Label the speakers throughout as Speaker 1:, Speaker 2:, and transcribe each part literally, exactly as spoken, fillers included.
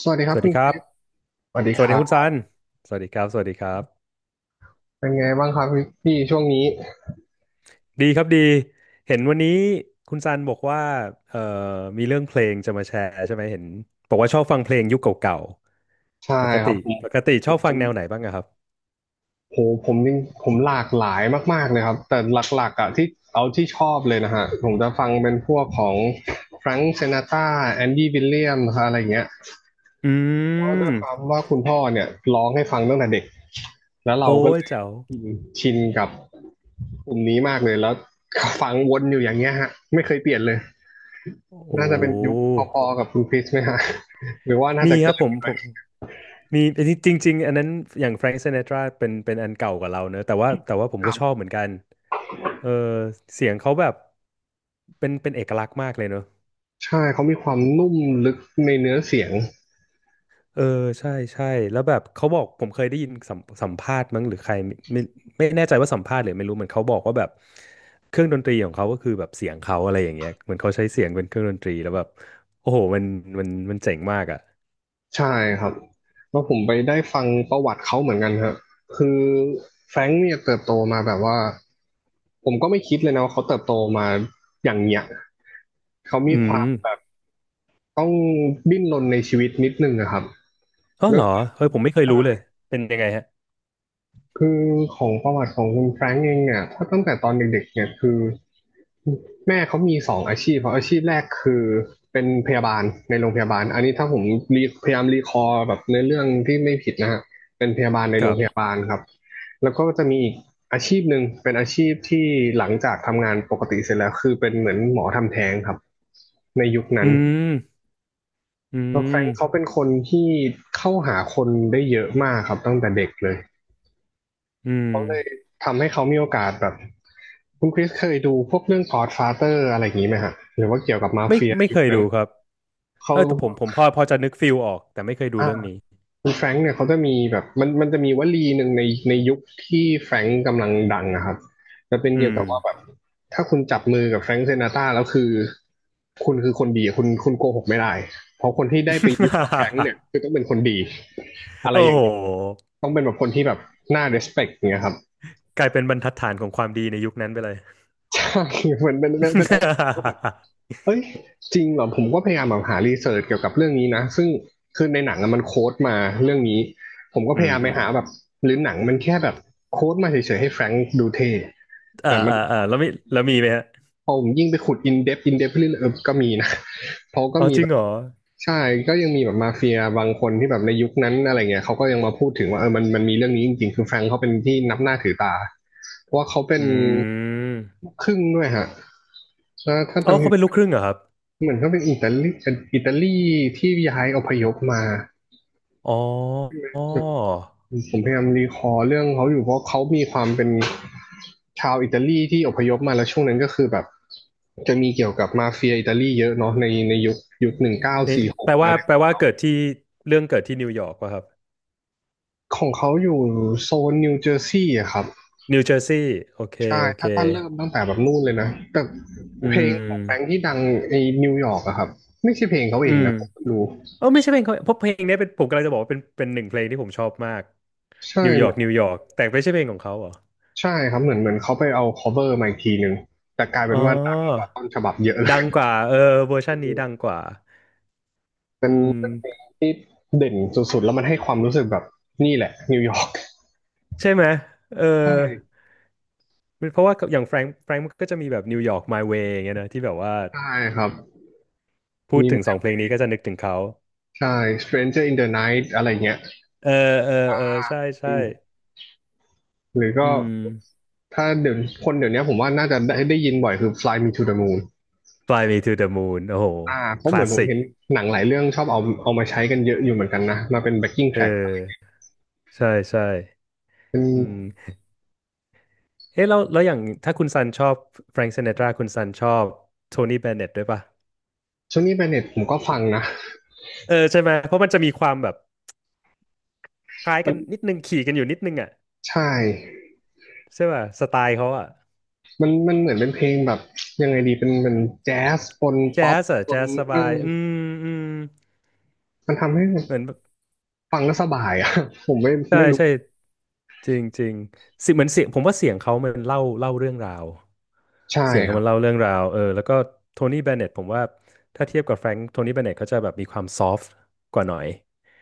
Speaker 1: สวัสดีค
Speaker 2: ส
Speaker 1: รับ
Speaker 2: วัสดี
Speaker 1: พี่
Speaker 2: ครับ
Speaker 1: สวัสดี
Speaker 2: ส
Speaker 1: ค
Speaker 2: วัสดี
Speaker 1: รั
Speaker 2: คุณซั
Speaker 1: บ
Speaker 2: นสวัสดีครับ สวัสดีครับ
Speaker 1: เป็นไงบ้างครับพี่พี่ช่วงนี้
Speaker 2: ดีครับดี เห็นวันนี้คุณซันบอกว่าเอ่อมีเรื่องเพลงจะมาแชร์ใช่ไหมเห็นบอกว่าชอบฟังเพลงยุคเก่า
Speaker 1: ใช่
Speaker 2: ๆปก
Speaker 1: ค
Speaker 2: ติ
Speaker 1: รับผ
Speaker 2: ปกติชอบฟัง
Speaker 1: ม
Speaker 2: แนวไหนบ้างอะครับ
Speaker 1: โหผมจริงผมหลากหลายมากๆเลยครับแต่หลักๆอ่ะที่เอาที่ชอบเลยนะฮะผมจะฟังเป็นพวกของแฟรงค์ซินาตราแอนดี้วิลเลียมนะครับอะไรอย่างเงี้ย
Speaker 2: อื
Speaker 1: เพราะด้ว
Speaker 2: ม
Speaker 1: ยความว่าคุณพ่อเนี่ยร้องให้ฟังตั้งแต่เด็กแล้วเรา
Speaker 2: โอ้
Speaker 1: ก็เล
Speaker 2: ย
Speaker 1: ย
Speaker 2: เจ้า
Speaker 1: ชินกับกลุ่มนี้มากเลยแล้วฟังวนอยู่อย่างเงี้ยฮะไม่เคยเปลี่ยนเลย
Speaker 2: โอ
Speaker 1: น่าจะเป็นยุค
Speaker 2: ้
Speaker 1: พอๆกับคุณคริสไหมฮะหรือว่าน่า
Speaker 2: มี
Speaker 1: จะ
Speaker 2: ครั
Speaker 1: เกิ
Speaker 2: บ
Speaker 1: น
Speaker 2: ผม
Speaker 1: ไป
Speaker 2: ผมมีจริงๆอันนั้นอย่างแฟรง k ์ซิน t ตราเป็นเป็นอันเก่ากว่าเราเนอะแต่ว่าแต่ว่าผมก็ชอบเหมือนกันเออเสียงเขาแบบเป็นเป็นเอกลักษณ์มากเลยเนอะ
Speaker 1: ใช่ เขามีความนุ่มลึกในเนื้อเสียง
Speaker 2: เออใช่ใช่แล้วแบบเขาบอกผมเคยได้ยินสัมสัมภาษณ์มั้งหรือใครไม่ไม่ไม่แน่ใจว่าสัมภาษณ์หรือไม่รู้เหมือนเขาบอกว่าแบบเครื่องดนตรีของเขาก็คือแบบเสียงเขาอะไรอย่างเงี้ยเหมือนเขาใช้เสียงเป็นเครื่องดนตรีแล้วแบบโอ้โหมันมันมันเจ๋งมากอ่ะ
Speaker 1: ใช่ครับแล้วผมไปได้ฟังประวัติเขาเหมือนกันครับคือแฟรงค์เนี่ยเติบโตมาแบบว่าผมก็ไม่คิดเลยนะว่าเขาเติบโตมาอย่างเนี้ยเขามี
Speaker 2: อื
Speaker 1: ความแบบ
Speaker 2: ม
Speaker 1: ต้องดิ้นรนในชีวิตนิดนึงนะครับ
Speaker 2: อ๋อ
Speaker 1: ด้
Speaker 2: เห
Speaker 1: ว
Speaker 2: ร
Speaker 1: ย
Speaker 2: อ
Speaker 1: ความ
Speaker 2: เฮ้ยผมไม่เคยรู้เลยเป็นยังไงฮะ
Speaker 1: คือของประวัติของคุณแฟรงก์เองเนี่ยถ้าตั้งแต่ตอนเด็กๆเนี่ยคือแม่เขามีสองอาชีพเพราะอาชีพแรกคือเป็นพยาบาลในโรงพยาบาลอันนี้ถ้าผมรีพยายามรีคอร์แบบในเรื่องที่ไม่ผิดนะฮะเป็นพยาบาลใน
Speaker 2: ค
Speaker 1: โร
Speaker 2: รั
Speaker 1: งพยา
Speaker 2: บ
Speaker 1: บาลครับแล้วก็จะมีอีกอาชีพหนึ่งเป็นอาชีพที่หลังจากทำงานปกติเสร็จแล้วคือเป็นเหมือนหมอทำแท้งครับในยุคนั้
Speaker 2: อื
Speaker 1: น
Speaker 2: มอื
Speaker 1: แล้วแฟรง
Speaker 2: ม
Speaker 1: ก์เขาเป็นคนที่เข้าหาคนได้เยอะมากครับตั้งแต่เด็กเลย
Speaker 2: อืม
Speaker 1: เขาเลยทำให้เขามีโอกาสแบบคุณคริสเคยดูพวกเรื่อง Godfather อะไรอย่างนี้ไหมฮะหรือว่าเกี่ยวกับมา
Speaker 2: ไม่
Speaker 1: เฟีย
Speaker 2: ไม่
Speaker 1: ยุ
Speaker 2: เค
Speaker 1: ค
Speaker 2: ย
Speaker 1: นั้น
Speaker 2: ดูครับ
Speaker 1: เขา
Speaker 2: เออแต่ผมผมพอพอจะนึกฟิลออกแต่ไม่เคยดู
Speaker 1: อ่า
Speaker 2: เรื่องนี้
Speaker 1: คุณแฟรงค์เนี่ยเขาจะมีแบบมันมันจะมีวลีหนึ่งในในยุคที่แฟรงค์กำลังดังนะครับจะเป็น
Speaker 2: อื
Speaker 1: เกี่ยว
Speaker 2: ม
Speaker 1: กับว่าแบบถ้าคุณจับมือกับแฟรงค์เซนาตราแล้วคือคุณคือคนดีคุณคุณโกหกไม่ได้เพราะคนที่ได้ไปอยู่กับแฟรงค์เนี่ยคือต้องเป็นคนดี อะไร
Speaker 2: โอ้
Speaker 1: อย่าง
Speaker 2: โห
Speaker 1: เงี้ยต้องเป็นแบบคนที่แบบน่า respect อย่างเงี้ยครับ
Speaker 2: กลายเป็นบรรทัดฐานของความดีในยุคนั้นไปเลย
Speaker 1: ใช่ เหมือนเป็นเป็นเป็นอะไรก็แบบ เอ้ยจริงเหรอผมก็พยายามแบบหารีเสิร์ชเกี่ยวกับเรื่องนี้นะซึ่งคือในหนังอะมันโค้ดมาเรื่องนี้ผมก็ พ
Speaker 2: อื
Speaker 1: ยายามไป
Speaker 2: ม
Speaker 1: หาแบบหรือหนังมันแค่แบบโค้ดมาเฉยๆให้แฟรงค์ดูเท่
Speaker 2: อ่า
Speaker 1: แต่มัน
Speaker 2: อ่าอ่าแล้วมีแล้วมีไหมฮะ
Speaker 1: พอผมยิ่งไปขุดอินเดปอินเดปเรื่อยๆเออก็มีนะเพราะก็
Speaker 2: อ๋อ
Speaker 1: มี
Speaker 2: จริ
Speaker 1: แบ
Speaker 2: ง
Speaker 1: บ
Speaker 2: เหรอ
Speaker 1: ใช่ก็ยังมีแบบมาเฟียบางคนที่แบบในยุคนั้นอะไรเงี้ยเขาก็ยังมาพูดถึงว่าเออมันมันมีเรื่องนี้จริงๆคือแฟรงค์เขาเป็นที่นับหน้าถือตาเพราะว่าเขาเป็
Speaker 2: อื
Speaker 1: น
Speaker 2: ม
Speaker 1: ครึ่งด้วยฮะถ้าถ้า
Speaker 2: อ๋อ
Speaker 1: จำ
Speaker 2: เขาเป็นลูกครึ่งเหรอครับ
Speaker 1: เหมือนก็เป็นอิตาลีอิตาลีที่ย้ายอพยพมา
Speaker 2: อ๋ออ๋อ
Speaker 1: ผมพยายามรีคอร์เรื่องเขาอยู่เพราะเขามีความเป็นชาวอิตาลีที่อพยพมาแล้วช่วงนั้นก็คือแบบจะมีเกี่ยวกับมาเฟียอิตาลีเยอะเนาะในในยุคยุคหนึ่งเก้า
Speaker 2: นี่
Speaker 1: สี่ห
Speaker 2: แป
Speaker 1: ก
Speaker 2: ล
Speaker 1: อะ
Speaker 2: ว่า
Speaker 1: ไร
Speaker 2: แปลว่าเกิดที่ เรื่องเกิดที่นิวยอร์กวะครับ
Speaker 1: ของเขาอยู่โซนนิวเจอร์ซีย์อะครับ
Speaker 2: นิวเจอร์ซีย์โอเค
Speaker 1: ใช่
Speaker 2: โอเค
Speaker 1: ถ้าถ้าเริ่มตั้งแต่แบบนู่นเลยนะแต่
Speaker 2: อื
Speaker 1: เพลงของแฟรงค์ที่
Speaker 2: ม
Speaker 1: ดังในนิวยอร์กอะครับไม่ใช่เพลงเขาเอ
Speaker 2: อื
Speaker 1: ง
Speaker 2: ม
Speaker 1: นะผมรู้
Speaker 2: เออไม่ใช่เพลงเขาเพราะเพลงเนี้ยเป็นผมกำลังจะบอกว่าเป็นเป็นหนึ่งเพลงที่ผมชอบมาก
Speaker 1: ใช่
Speaker 2: นิวย
Speaker 1: เห
Speaker 2: อร์
Speaker 1: มื
Speaker 2: ก
Speaker 1: อน
Speaker 2: นิวยอร์กแต่ไม่ใช่เพลงของเขาเหรอ
Speaker 1: ใช่ครับเหมือนเหมือนเขาไปเอา cover มาอีกทีหนึ่งแต่กลายเป็
Speaker 2: อ๋อ
Speaker 1: นว่าดังกว่าต้นฉบับเยอะเลย
Speaker 2: ดังกว่าเออเวอร์ชันนี้ดังกว่า
Speaker 1: เป็
Speaker 2: อื
Speaker 1: นเป็นเพลง
Speaker 2: ม
Speaker 1: ที่เด่นสุดๆแล้วมันให้ความรู้สึกแบบนี่แหละนิวยอร์ก
Speaker 2: ใช่ไหมเออ
Speaker 1: ใช่
Speaker 2: มันเพราะว่าอย่างแฟรงค์แฟรงค์ก็จะมีแบบนิวยอร์ก My Way อย่างเงี้ยนะที่แบบว่า
Speaker 1: ใช่ครับ
Speaker 2: พูด
Speaker 1: มี
Speaker 2: ถึงส
Speaker 1: My
Speaker 2: องเพลง
Speaker 1: Way
Speaker 2: นี้ก็จะนึกถึงเขา
Speaker 1: ใช่ Stranger in the Night อะไรเงี้ย
Speaker 2: เออ เออเออใช่
Speaker 1: เป็
Speaker 2: ใช่
Speaker 1: หรือ
Speaker 2: อื
Speaker 1: ก็
Speaker 2: ม
Speaker 1: ถ้าเดี๋ยวคนเดี๋ยวนี้ผมว่าน่าจะได้ได้ยินบ่อยคือ Fly Me to the Moon
Speaker 2: Fly Me to the Moon โอ้โห
Speaker 1: อ่าเพ
Speaker 2: ค
Speaker 1: ราะเหมื
Speaker 2: ลา
Speaker 1: อน
Speaker 2: ส
Speaker 1: ผม
Speaker 2: สิก
Speaker 1: เห็นหนังหลายเรื่องชอบเอาเอามาใช้กันเยอะอยู่เหมือนกันนะมาเป็น backing
Speaker 2: เอ
Speaker 1: track
Speaker 2: อ ใช่ใช่
Speaker 1: เป็น
Speaker 2: อืมเอ๊ะแล้วแล้วอย่างถ้าคุณซันชอบแฟรง k ์ซิน t ตราคุณซันชอบโทนี่เบนเน็ตด้วยป่ะ
Speaker 1: ช่วงนี้แบนเน็ตผมก็ฟังนะ
Speaker 2: เออใช่ไหม เพราะมันจะมีความแบบคล้าย
Speaker 1: มั
Speaker 2: กั
Speaker 1: น
Speaker 2: นนิดนึงขี่กันอยู่นิดนึงอ่ะ
Speaker 1: ใช่
Speaker 2: ใช่ป่ะสไตล์เขาอะ
Speaker 1: มันมันเหมือนเป็นเพลงแบบยังไงดีเป็นเป็นแจ๊สปน
Speaker 2: แจ๊
Speaker 1: ป๊อป
Speaker 2: สอะ
Speaker 1: ป
Speaker 2: แจ๊
Speaker 1: น
Speaker 2: สส
Speaker 1: เอ
Speaker 2: บาย
Speaker 1: อ
Speaker 2: อืมอืม
Speaker 1: มันทำให้
Speaker 2: เหมือนแบบ
Speaker 1: ฟังแล้วสบายอ่ะ ผมไม่
Speaker 2: ใช่
Speaker 1: ไม่รู้
Speaker 2: ใช่จริงจริงเสิเหมือนเสียงผมว่าเสียงเขามันเล่าเล่าเรื่องราว
Speaker 1: ใช่
Speaker 2: เสียง
Speaker 1: ค
Speaker 2: เขา
Speaker 1: รั
Speaker 2: มั
Speaker 1: บ
Speaker 2: นเล่าเรื่องราวเออแล้วก็โทนี่เบนเน็ตผมว่าถ้าเทียบกับแฟรงค์โทนี่เบนเน็ตเขาจะแบบมีความซอฟต์กว่าหน่อย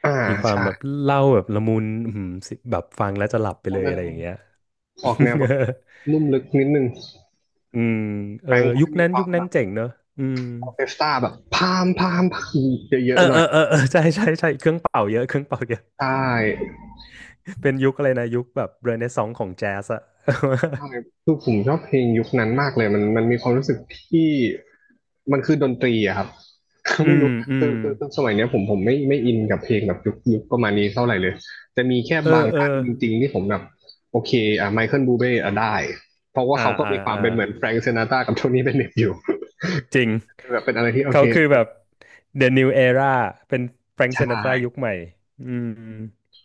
Speaker 1: อ่า
Speaker 2: มีความ
Speaker 1: ใช่
Speaker 2: แบบเล่าแบบละมุนอืมแบบฟังแล้วจะหลับไป
Speaker 1: เขา
Speaker 2: เลย
Speaker 1: จะ
Speaker 2: อะไรอย่างเงี้ย
Speaker 1: ออกแนวแบบลุ่มลึกนิดนึง
Speaker 2: อืมเอ
Speaker 1: แฟ
Speaker 2: อ
Speaker 1: รงค์ก็
Speaker 2: ยุ
Speaker 1: จะ
Speaker 2: ค
Speaker 1: มี
Speaker 2: นั้น
Speaker 1: ควา
Speaker 2: ยุค
Speaker 1: มแบ
Speaker 2: นั้น
Speaker 1: บ
Speaker 2: เจ๋งเนอะอืม
Speaker 1: ออร์เคสตราแบบพามพามพามเย
Speaker 2: เอ
Speaker 1: อะ
Speaker 2: อ
Speaker 1: ๆหน่
Speaker 2: เอ
Speaker 1: อย
Speaker 2: อเออเออใช่ใช่ใช่เครื่องเป่าเยอะเครื่องเป่าเยอะ
Speaker 1: ใช่
Speaker 2: เป็นยุคอะไรนะยุคแบบเรเนซองส์ของแจ๊สอะ
Speaker 1: ใช่ คือผมชอบเพลงยุคนั้นมากเลยมันมันมีความรู้สึกที่มันคือดนตรีอะครับ
Speaker 2: อื
Speaker 1: ไม่
Speaker 2: ม
Speaker 1: รู้นะ
Speaker 2: อื
Speaker 1: คื
Speaker 2: ม
Speaker 1: อคือคือสมัยเนี้ยผมผมไม่ไม่อินกับเพลงแบบยุคยุคประมาณนี้เท่าไหร่เลยจะมีแค่
Speaker 2: เอ
Speaker 1: บา
Speaker 2: อ
Speaker 1: ง
Speaker 2: เออ
Speaker 1: ท่านจริงๆที่ผมแบบโอเคอ่ะไมเคิลบูเบ้อ่ะได้เพราะว่า
Speaker 2: อ่า
Speaker 1: เขาก็
Speaker 2: อ่า
Speaker 1: มีความ
Speaker 2: อ่า
Speaker 1: เป็นเหมือนแฟรงก์ซินาตรากับโทนี่เบนเน็ตอยู่
Speaker 2: จริง
Speaker 1: แบบเป็นอะไรที่โอ
Speaker 2: เขา
Speaker 1: เค
Speaker 2: คื
Speaker 1: โอ
Speaker 2: อ
Speaker 1: เค
Speaker 2: แบบ The New Era เป็นแฟรง k ์
Speaker 1: ใช่
Speaker 2: ซินาตรายุคใหม่อืม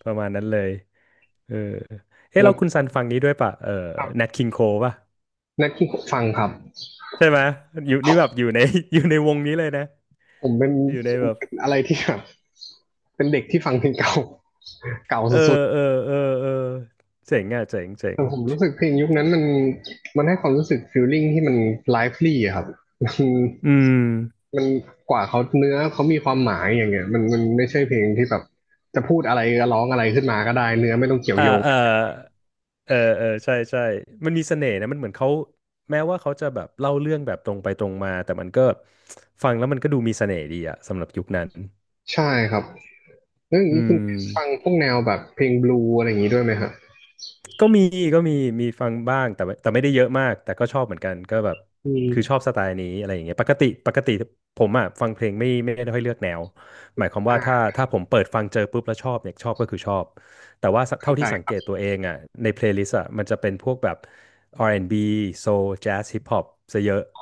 Speaker 2: ประมาณนั้นเลยเออเฮ้
Speaker 1: แล้
Speaker 2: แล้
Speaker 1: ว
Speaker 2: วคุณซันฟังนี้ด้วยป่ะเออ
Speaker 1: ครับ
Speaker 2: Nat King Cole ป่ะ
Speaker 1: นักฟังครับ
Speaker 2: ใช่ไหมอยู่นี่แบบอยู่ใน อยู่ในวงนี้เลยนะ
Speaker 1: ผมเป็น
Speaker 2: อยู่ใน
Speaker 1: เป็น
Speaker 2: แบบ
Speaker 1: เป็นอะไรที่แบบเป็นเด็กที่ฟังเพลงเก่าเก่า
Speaker 2: เออ
Speaker 1: สุด
Speaker 2: เออเออเออเจ๋งอ่ะเจ๋งเจ๋ง
Speaker 1: แต่ผมรู้สึกเพลงยุคนั้นมันมันให้ความรู้สึกฟีลลิ่งที่มันไลฟ์ลี่อะครับ
Speaker 2: อืม
Speaker 1: มันมันกว่าเขาเนื้อเขามีความหมายอย่างเงี้ยมันมันไม่ใช่เพลงที่แบบจะพูดอะไรก็ร้องอะไรขึ้นมาก็ได้เนื้อไม่ต้องเกี่ยว
Speaker 2: อ่า
Speaker 1: โยง
Speaker 2: อ่าเออเออใช่ใช่มันมีเสน่ห์นะมันเหมือนเขาแม้ว่าเขาจะแบบเล่าเรื่องแบบตรงไปตรงมาแต่มันก็ฟังแล้วมันก็ดูมีเสน่ห์ดีอะสำหรับยุคนั้น
Speaker 1: ใช่ครับเลอง
Speaker 2: อื
Speaker 1: นี้คุณ
Speaker 2: ม
Speaker 1: ฟังพวกแนวแบบเพลงบลูอะไรอย่างนี้ด้วยไหมครับ
Speaker 2: ก็มีก็มีมีฟังบ้างแต่ว่าแต่ไม่ได้เยอะมากแต่ก็ชอบเหมือนกันก็แบบ
Speaker 1: อื
Speaker 2: คือชอ
Speaker 1: ม
Speaker 2: บสไตล์นี้อะไรอย่างเงี้ยปกติปกติผมอ่ะฟังเพลงไม่ไม่ได้ค่อยเลือกแนวหมายความว่าถ้า
Speaker 1: อ่า
Speaker 2: ถ้าผมเปิดฟังเจอปุ๊บแล้วชอบเนี่ยชอบก็คือชอบแต่ว่า
Speaker 1: เข้า
Speaker 2: เท่า
Speaker 1: ใจ
Speaker 2: ที่สัง
Speaker 1: ค
Speaker 2: เก
Speaker 1: รับ
Speaker 2: ตตัวเองอ่ะในเพลย์ลิสต์อ่ะมันจะเป็นพวกแบบ อาร์ แอนด์ บี Soul Jazz Hip Hop ซะเยอะ
Speaker 1: อ๋อ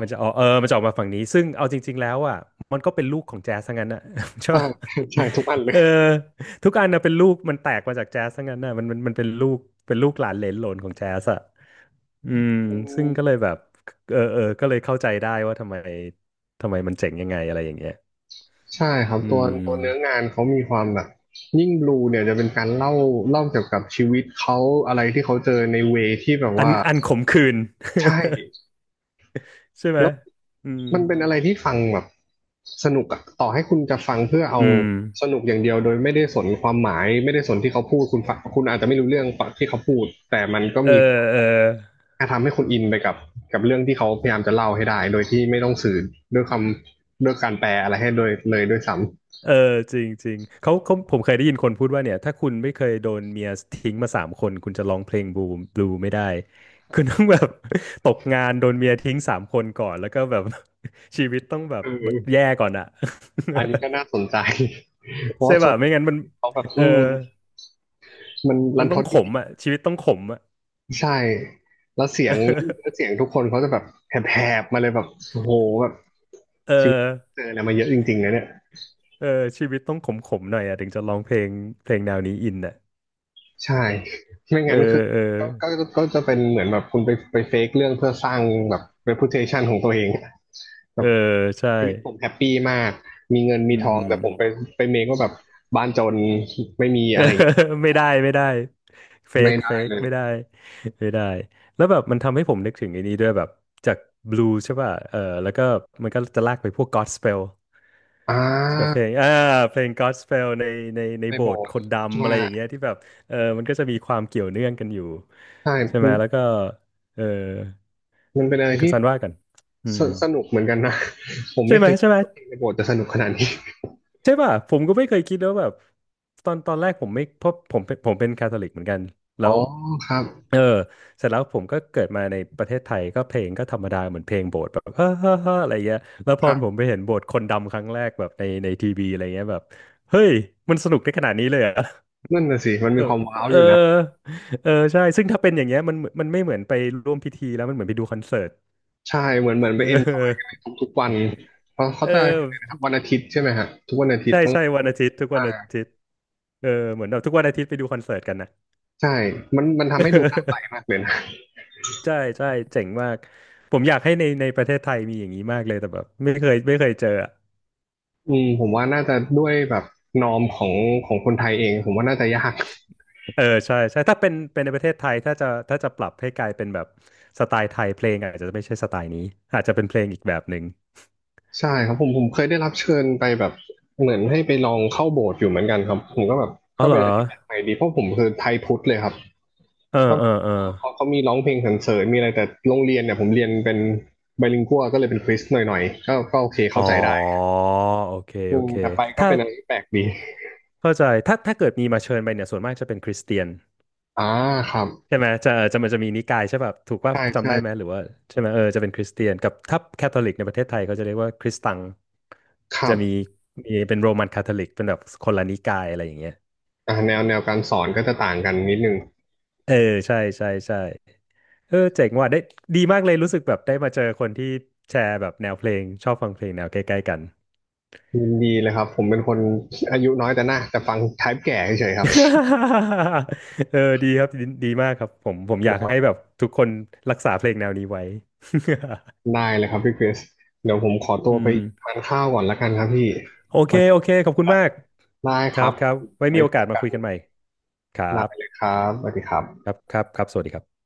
Speaker 2: มันจะออ กเออมันจะออกมาฝั่งนี้ซึ่งเอาจริงๆแล้วอ่ะมันก็เป็นลูกของแจ๊สทั้งนั้นอ่ะ ใช่ปะ
Speaker 1: เข้าใจทุกอันเล
Speaker 2: เอ
Speaker 1: ย
Speaker 2: อ ทุกอันนะเป็นลูกมันแตกมาจากแจ๊สทั้งนั้นนะมันมันมันเป็นลูกเป็นลูกหลานเหลนโหลนของแจ๊สอะอืมซึ่งก็เลยแบบเออเออก็เลยเข้าใจได้ว่าทำไมทำไมมันเจ๋งยังไงอะไรอย่างเงี้ย
Speaker 1: ใช่ครับ
Speaker 2: อื
Speaker 1: ตัวตัวเนื้อ
Speaker 2: ม
Speaker 1: งานเขามีความแบบยิ่งบลูเนี่ยจะเป็นการเล่าเล่าเกี่ยวกับชีวิตเขาอะไรที่เขาเจอในเวที่แบบ
Speaker 2: อัน
Speaker 1: ว่า
Speaker 2: อันขมขื่น
Speaker 1: ใช่
Speaker 2: ใช่ไหม
Speaker 1: แล้ว
Speaker 2: อืม
Speaker 1: มันเป็นอะไรที่ฟังแบบสนุกอะต่อให้คุณจะฟังเพื่อเอา
Speaker 2: อืม
Speaker 1: สนุกอย่างเดียวโดยไม่ได้สนความหมายไม่ได้สนที่เขาพูดคุณฟังคุณอาจจะไม่รู้เรื่องที่เขาพูดแต่มันก็
Speaker 2: เอ
Speaker 1: มี
Speaker 2: อเออ
Speaker 1: การทำให้คุณอินไปกับกับเรื่องที่เขาพยายามจะเล่าให้ได้โดยที่ไม่ต้องสื่อด้วยคำด้วยการแปลอะไรให้โดยเลยด้วยซ้
Speaker 2: เออจริงจริงเขาเขาผมเคยได้ยินคนพูดว่าเนี่ยถ้าคุณไม่เคยโดนเมียทิ้งมาสามคนคุณจะร้องเพลงบลูบลูไม่ได้คุณต้องแบบ ตกงานโดนเมียทิ้งสามคนก่อนแล้วก็แบบ ชีวิตต้องแบ
Speaker 1: ำ
Speaker 2: บ
Speaker 1: เอ
Speaker 2: แย่
Speaker 1: อ
Speaker 2: ก่อนอะ
Speaker 1: อันนี้ก็น่าสนใจ เพ ราะ
Speaker 2: ใช่
Speaker 1: ว่าส่ว
Speaker 2: ป่ะ
Speaker 1: น
Speaker 2: ไม่งั้นมัน
Speaker 1: เขาแบบ
Speaker 2: เออ
Speaker 1: อืมมันรั
Speaker 2: มัน
Speaker 1: นท
Speaker 2: ต้อง
Speaker 1: ด
Speaker 2: ข
Speaker 1: จ
Speaker 2: ม
Speaker 1: ริง
Speaker 2: อะชีวิตต้องขมอะ
Speaker 1: ๆใช่แล้วเสียงแล้วเสีย งทุกคนเขาจะแบบแหบๆมาเลยแบบโอ้โหแบบ
Speaker 2: เออ
Speaker 1: ชีวิตเจออะไรมาเยอะจริงๆนะเนี่ย
Speaker 2: เออเออชีวิตต้องขมขมหน่อยอะถึงจะร้องเพลงเพลงแนวนี้อินอะ
Speaker 1: ใช่ไม่
Speaker 2: เออ
Speaker 1: งั้นคือ
Speaker 2: เออ
Speaker 1: ก็ก็ก็จะเป็นเหมือนแบบคุณไปไปเฟกเรื่องเพื่อสร้างแบบ reputation ของตัวเองแบ
Speaker 2: เออ
Speaker 1: บ
Speaker 2: ใช่
Speaker 1: ชีวิตผมแฮปปี้มากมีเงินมี
Speaker 2: อื
Speaker 1: ทอง
Speaker 2: ม
Speaker 1: แต่ผมไปไปเมคว่าแบบบ้านจนไม่มีอะไรอย่างเงี้ย
Speaker 2: ไม่ได้ไม่ได้เฟ
Speaker 1: ไม่
Speaker 2: ก
Speaker 1: ได้
Speaker 2: เฟก
Speaker 1: เลย
Speaker 2: ไม่ได้ไม่ได้แล้วแบบมันทำให้ผมนึกถึงไอ้นี้ด้วยแบบจากบลูใช่ป่ะเออแล้วก็มันก็จะลากไปพวก Godspell
Speaker 1: อ่
Speaker 2: ใช่ปะเพ
Speaker 1: า
Speaker 2: ลงอ่าเพลง Godspell ในในใน
Speaker 1: ใน
Speaker 2: โบ
Speaker 1: โบ
Speaker 2: สถ์
Speaker 1: ส
Speaker 2: ค
Speaker 1: ถ์
Speaker 2: นดำอะ
Speaker 1: ใช่
Speaker 2: ไรอย่างเงี้ยที่แบบเออมันก็จะมีความเกี่ยวเนื่องกันอยู่
Speaker 1: ใช่
Speaker 2: ใช่ไห
Speaker 1: มั
Speaker 2: มแล้ว
Speaker 1: น
Speaker 2: ก็เออ
Speaker 1: มันเป็นอะไร
Speaker 2: คุณ
Speaker 1: ที่
Speaker 2: ซันว่ากันอื
Speaker 1: ส
Speaker 2: ม
Speaker 1: สนุกเหมือนกันนะ ผม
Speaker 2: ใช่
Speaker 1: ไม่
Speaker 2: ไห
Speaker 1: เค
Speaker 2: ม
Speaker 1: ย
Speaker 2: ใช่
Speaker 1: คิด
Speaker 2: ไหม
Speaker 1: ว่าเพลงในโบสถ์จะสนุกขนาดนี้
Speaker 2: ใช่ป่ะผมก็ไม่เคยคิดแล้วาแบบตอนตอนแรกผมไม่เพราะผมเป็นผมเป็นคาทอลิกเหมือนกัน แล้
Speaker 1: อ๋
Speaker 2: ว
Speaker 1: อครับ
Speaker 2: เออเสร็จแล้วผมก็เกิดมาในประเทศไทยก็เพลงก็ธรรมดาเหมือนเพลงโบสถ์แบบ เฮ้อเฮ้อเฮ้ออะไรเงี้ยแล้วพ
Speaker 1: ค
Speaker 2: อ
Speaker 1: รั
Speaker 2: ผ
Speaker 1: บ
Speaker 2: มไปเห็นโบสถ์คนดำครั้งแรกแบบในในทีวีอะไรเงี้ยแบบเฮ้ยมันสนุกได้ขนาดนี้เลยเหรอ่ะ
Speaker 1: นั่นน่ะสิมัน
Speaker 2: เอ
Speaker 1: มี
Speaker 2: อ
Speaker 1: ความว้า ว
Speaker 2: เอ
Speaker 1: อ
Speaker 2: อ
Speaker 1: ยู่นะ
Speaker 2: เออใช่ซึ่งถ้าเป็นอย่างเงี้ยมันมันไม่เหมือนไปร่วมพิธีแล้วมันเหมือนไปดูคอนเสิร์ต
Speaker 1: ใช่เหมือนเหมือน ไป
Speaker 2: เ
Speaker 1: เอนจอยกัน
Speaker 2: อ
Speaker 1: ใน
Speaker 2: อ
Speaker 1: ทุกๆวันเพราะเขา
Speaker 2: เอ
Speaker 1: จะ
Speaker 2: อ
Speaker 1: นะครับวันอาทิตย์ใช่ไหมฮะทุกวันอาทิต
Speaker 2: ใช่
Speaker 1: ย์ต้อง
Speaker 2: ใช่วันอาทิตย์ทุกวั
Speaker 1: อ่า
Speaker 2: นอาทิตย์เออเหมือนเราทุกวันอาทิตย์ไปดูคอนเสิร์ตกันนะ
Speaker 1: ใช่มันมันทำให้ดูน่าไปมากเลยนะ
Speaker 2: ใช่ใช่เจ๋งมากผมอยากให้ในในประเทศไทยมีอย่างนี้มากเลยแต่แบบไม่เคยไม่เคยเจออะ
Speaker 1: อืมผมว่าน่าจะด้วยแบบนอมของของคนไทยเองผมว่าน่าจะยาก
Speaker 2: เออใช่ใช่ถ้าเป็นเป็นในประเทศไทยถ้าจะถ้าจะปรับให้กลายเป็นแบบสไตล์ไทยเพลงอาจจะไม่ใช่สไตล์นี้อาจจะเป็นเพลงอีกแบบหนึ่ง
Speaker 1: ใช่ครับผมผมเคยได้รับเชิญไปแบบเหมือนให้ไปลองเข้าโบสถ์อยู่เหมือนกันครับผมก็แบบ
Speaker 2: อ๋อ
Speaker 1: ก็
Speaker 2: เหร
Speaker 1: เป็น
Speaker 2: อ
Speaker 1: อะไรที่แปลกใหม่ดีเพราะผมคือไทยพุทธเลยครับ
Speaker 2: เออ
Speaker 1: ก็
Speaker 2: เออเออ
Speaker 1: เออเขาเขามีร้องเพลงสรรเสริญมีอะไรแต่โรงเรียนเนี่ยผมเรียนเป็นไบลิงกัวก็เลยเป็นคริสหน่อยๆก็ก็โอเค
Speaker 2: อ๋อ
Speaker 1: เข้าใจได้
Speaker 2: โอเค
Speaker 1: อื
Speaker 2: โอ
Speaker 1: ม
Speaker 2: เค
Speaker 1: แต่ไปก็
Speaker 2: ถ้า
Speaker 1: เป็นอะไรที่แปลกดี
Speaker 2: เข้าใจถ้าถ้าเกิดมีมาเชิญไปเนี่ยส่วนมากจะเป็นคริสเตียน
Speaker 1: อ่าครับ
Speaker 2: ใช่ไหมจะเออจะมันจะมีนิกายใช่ป่ะถูกว่า
Speaker 1: ใช่
Speaker 2: จำ
Speaker 1: ใช่
Speaker 2: ได้ไหมหรือว่าใช่ไหมเออจะเป็นคริสเตียนกับถ้าแคทอลิกในประเทศไทยเขาจะเรียกว่าคริสตัง
Speaker 1: ครั
Speaker 2: จะ
Speaker 1: บ
Speaker 2: มีมีเป็นโรมันคาทอลิกเป็นแบบคนละนิกายอะไรอย่างเงี้ย
Speaker 1: อ่าแนวแนวการสอนก็จะต่างกันนิดนึง
Speaker 2: เออใช่ใช่ใช่เออเจ๋งว่ะได้ดีมากเลยรู้สึกแบบได้มาเจอคนที่แชร์แบบแนวเพลงชอบฟังเพลงแนวใกล้ๆกัน
Speaker 1: ยินดีเลยครับผมเป็นคนอายุน้อยแต่หน้าแต่ฟังไทป์แก่เฉยๆครับ
Speaker 2: เออดีครับดีดีมากครับผมผมอยา
Speaker 1: แต่
Speaker 2: ก
Speaker 1: ว่า
Speaker 2: ให้แบบทุกคนรักษาเพลงแนวนี้ไว้
Speaker 1: ได้เลยครับพี่คริสเดี๋ยวผมขอตัว
Speaker 2: อื
Speaker 1: ไป
Speaker 2: ม
Speaker 1: ทานข้าวก่อนละกันครับพี่
Speaker 2: โอเค
Speaker 1: วันนี้
Speaker 2: โอ
Speaker 1: ผ
Speaker 2: เค
Speaker 1: ม
Speaker 2: ขอ
Speaker 1: หิ
Speaker 2: บ
Speaker 1: ว
Speaker 2: คุณ
Speaker 1: ละ
Speaker 2: มาก
Speaker 1: ได้
Speaker 2: ค
Speaker 1: ค
Speaker 2: รั
Speaker 1: รั
Speaker 2: บ
Speaker 1: บ
Speaker 2: ครับไว้มี
Speaker 1: ไว้
Speaker 2: โอ
Speaker 1: เจ
Speaker 2: กา
Speaker 1: อ
Speaker 2: สมา
Speaker 1: กั
Speaker 2: คุยกันให
Speaker 1: น
Speaker 2: ม่ ครั
Speaker 1: ได้เลย
Speaker 2: บ
Speaker 1: ครับสวัสดีครั
Speaker 2: ค
Speaker 1: บ
Speaker 2: รับครับครับสวัสดีครับ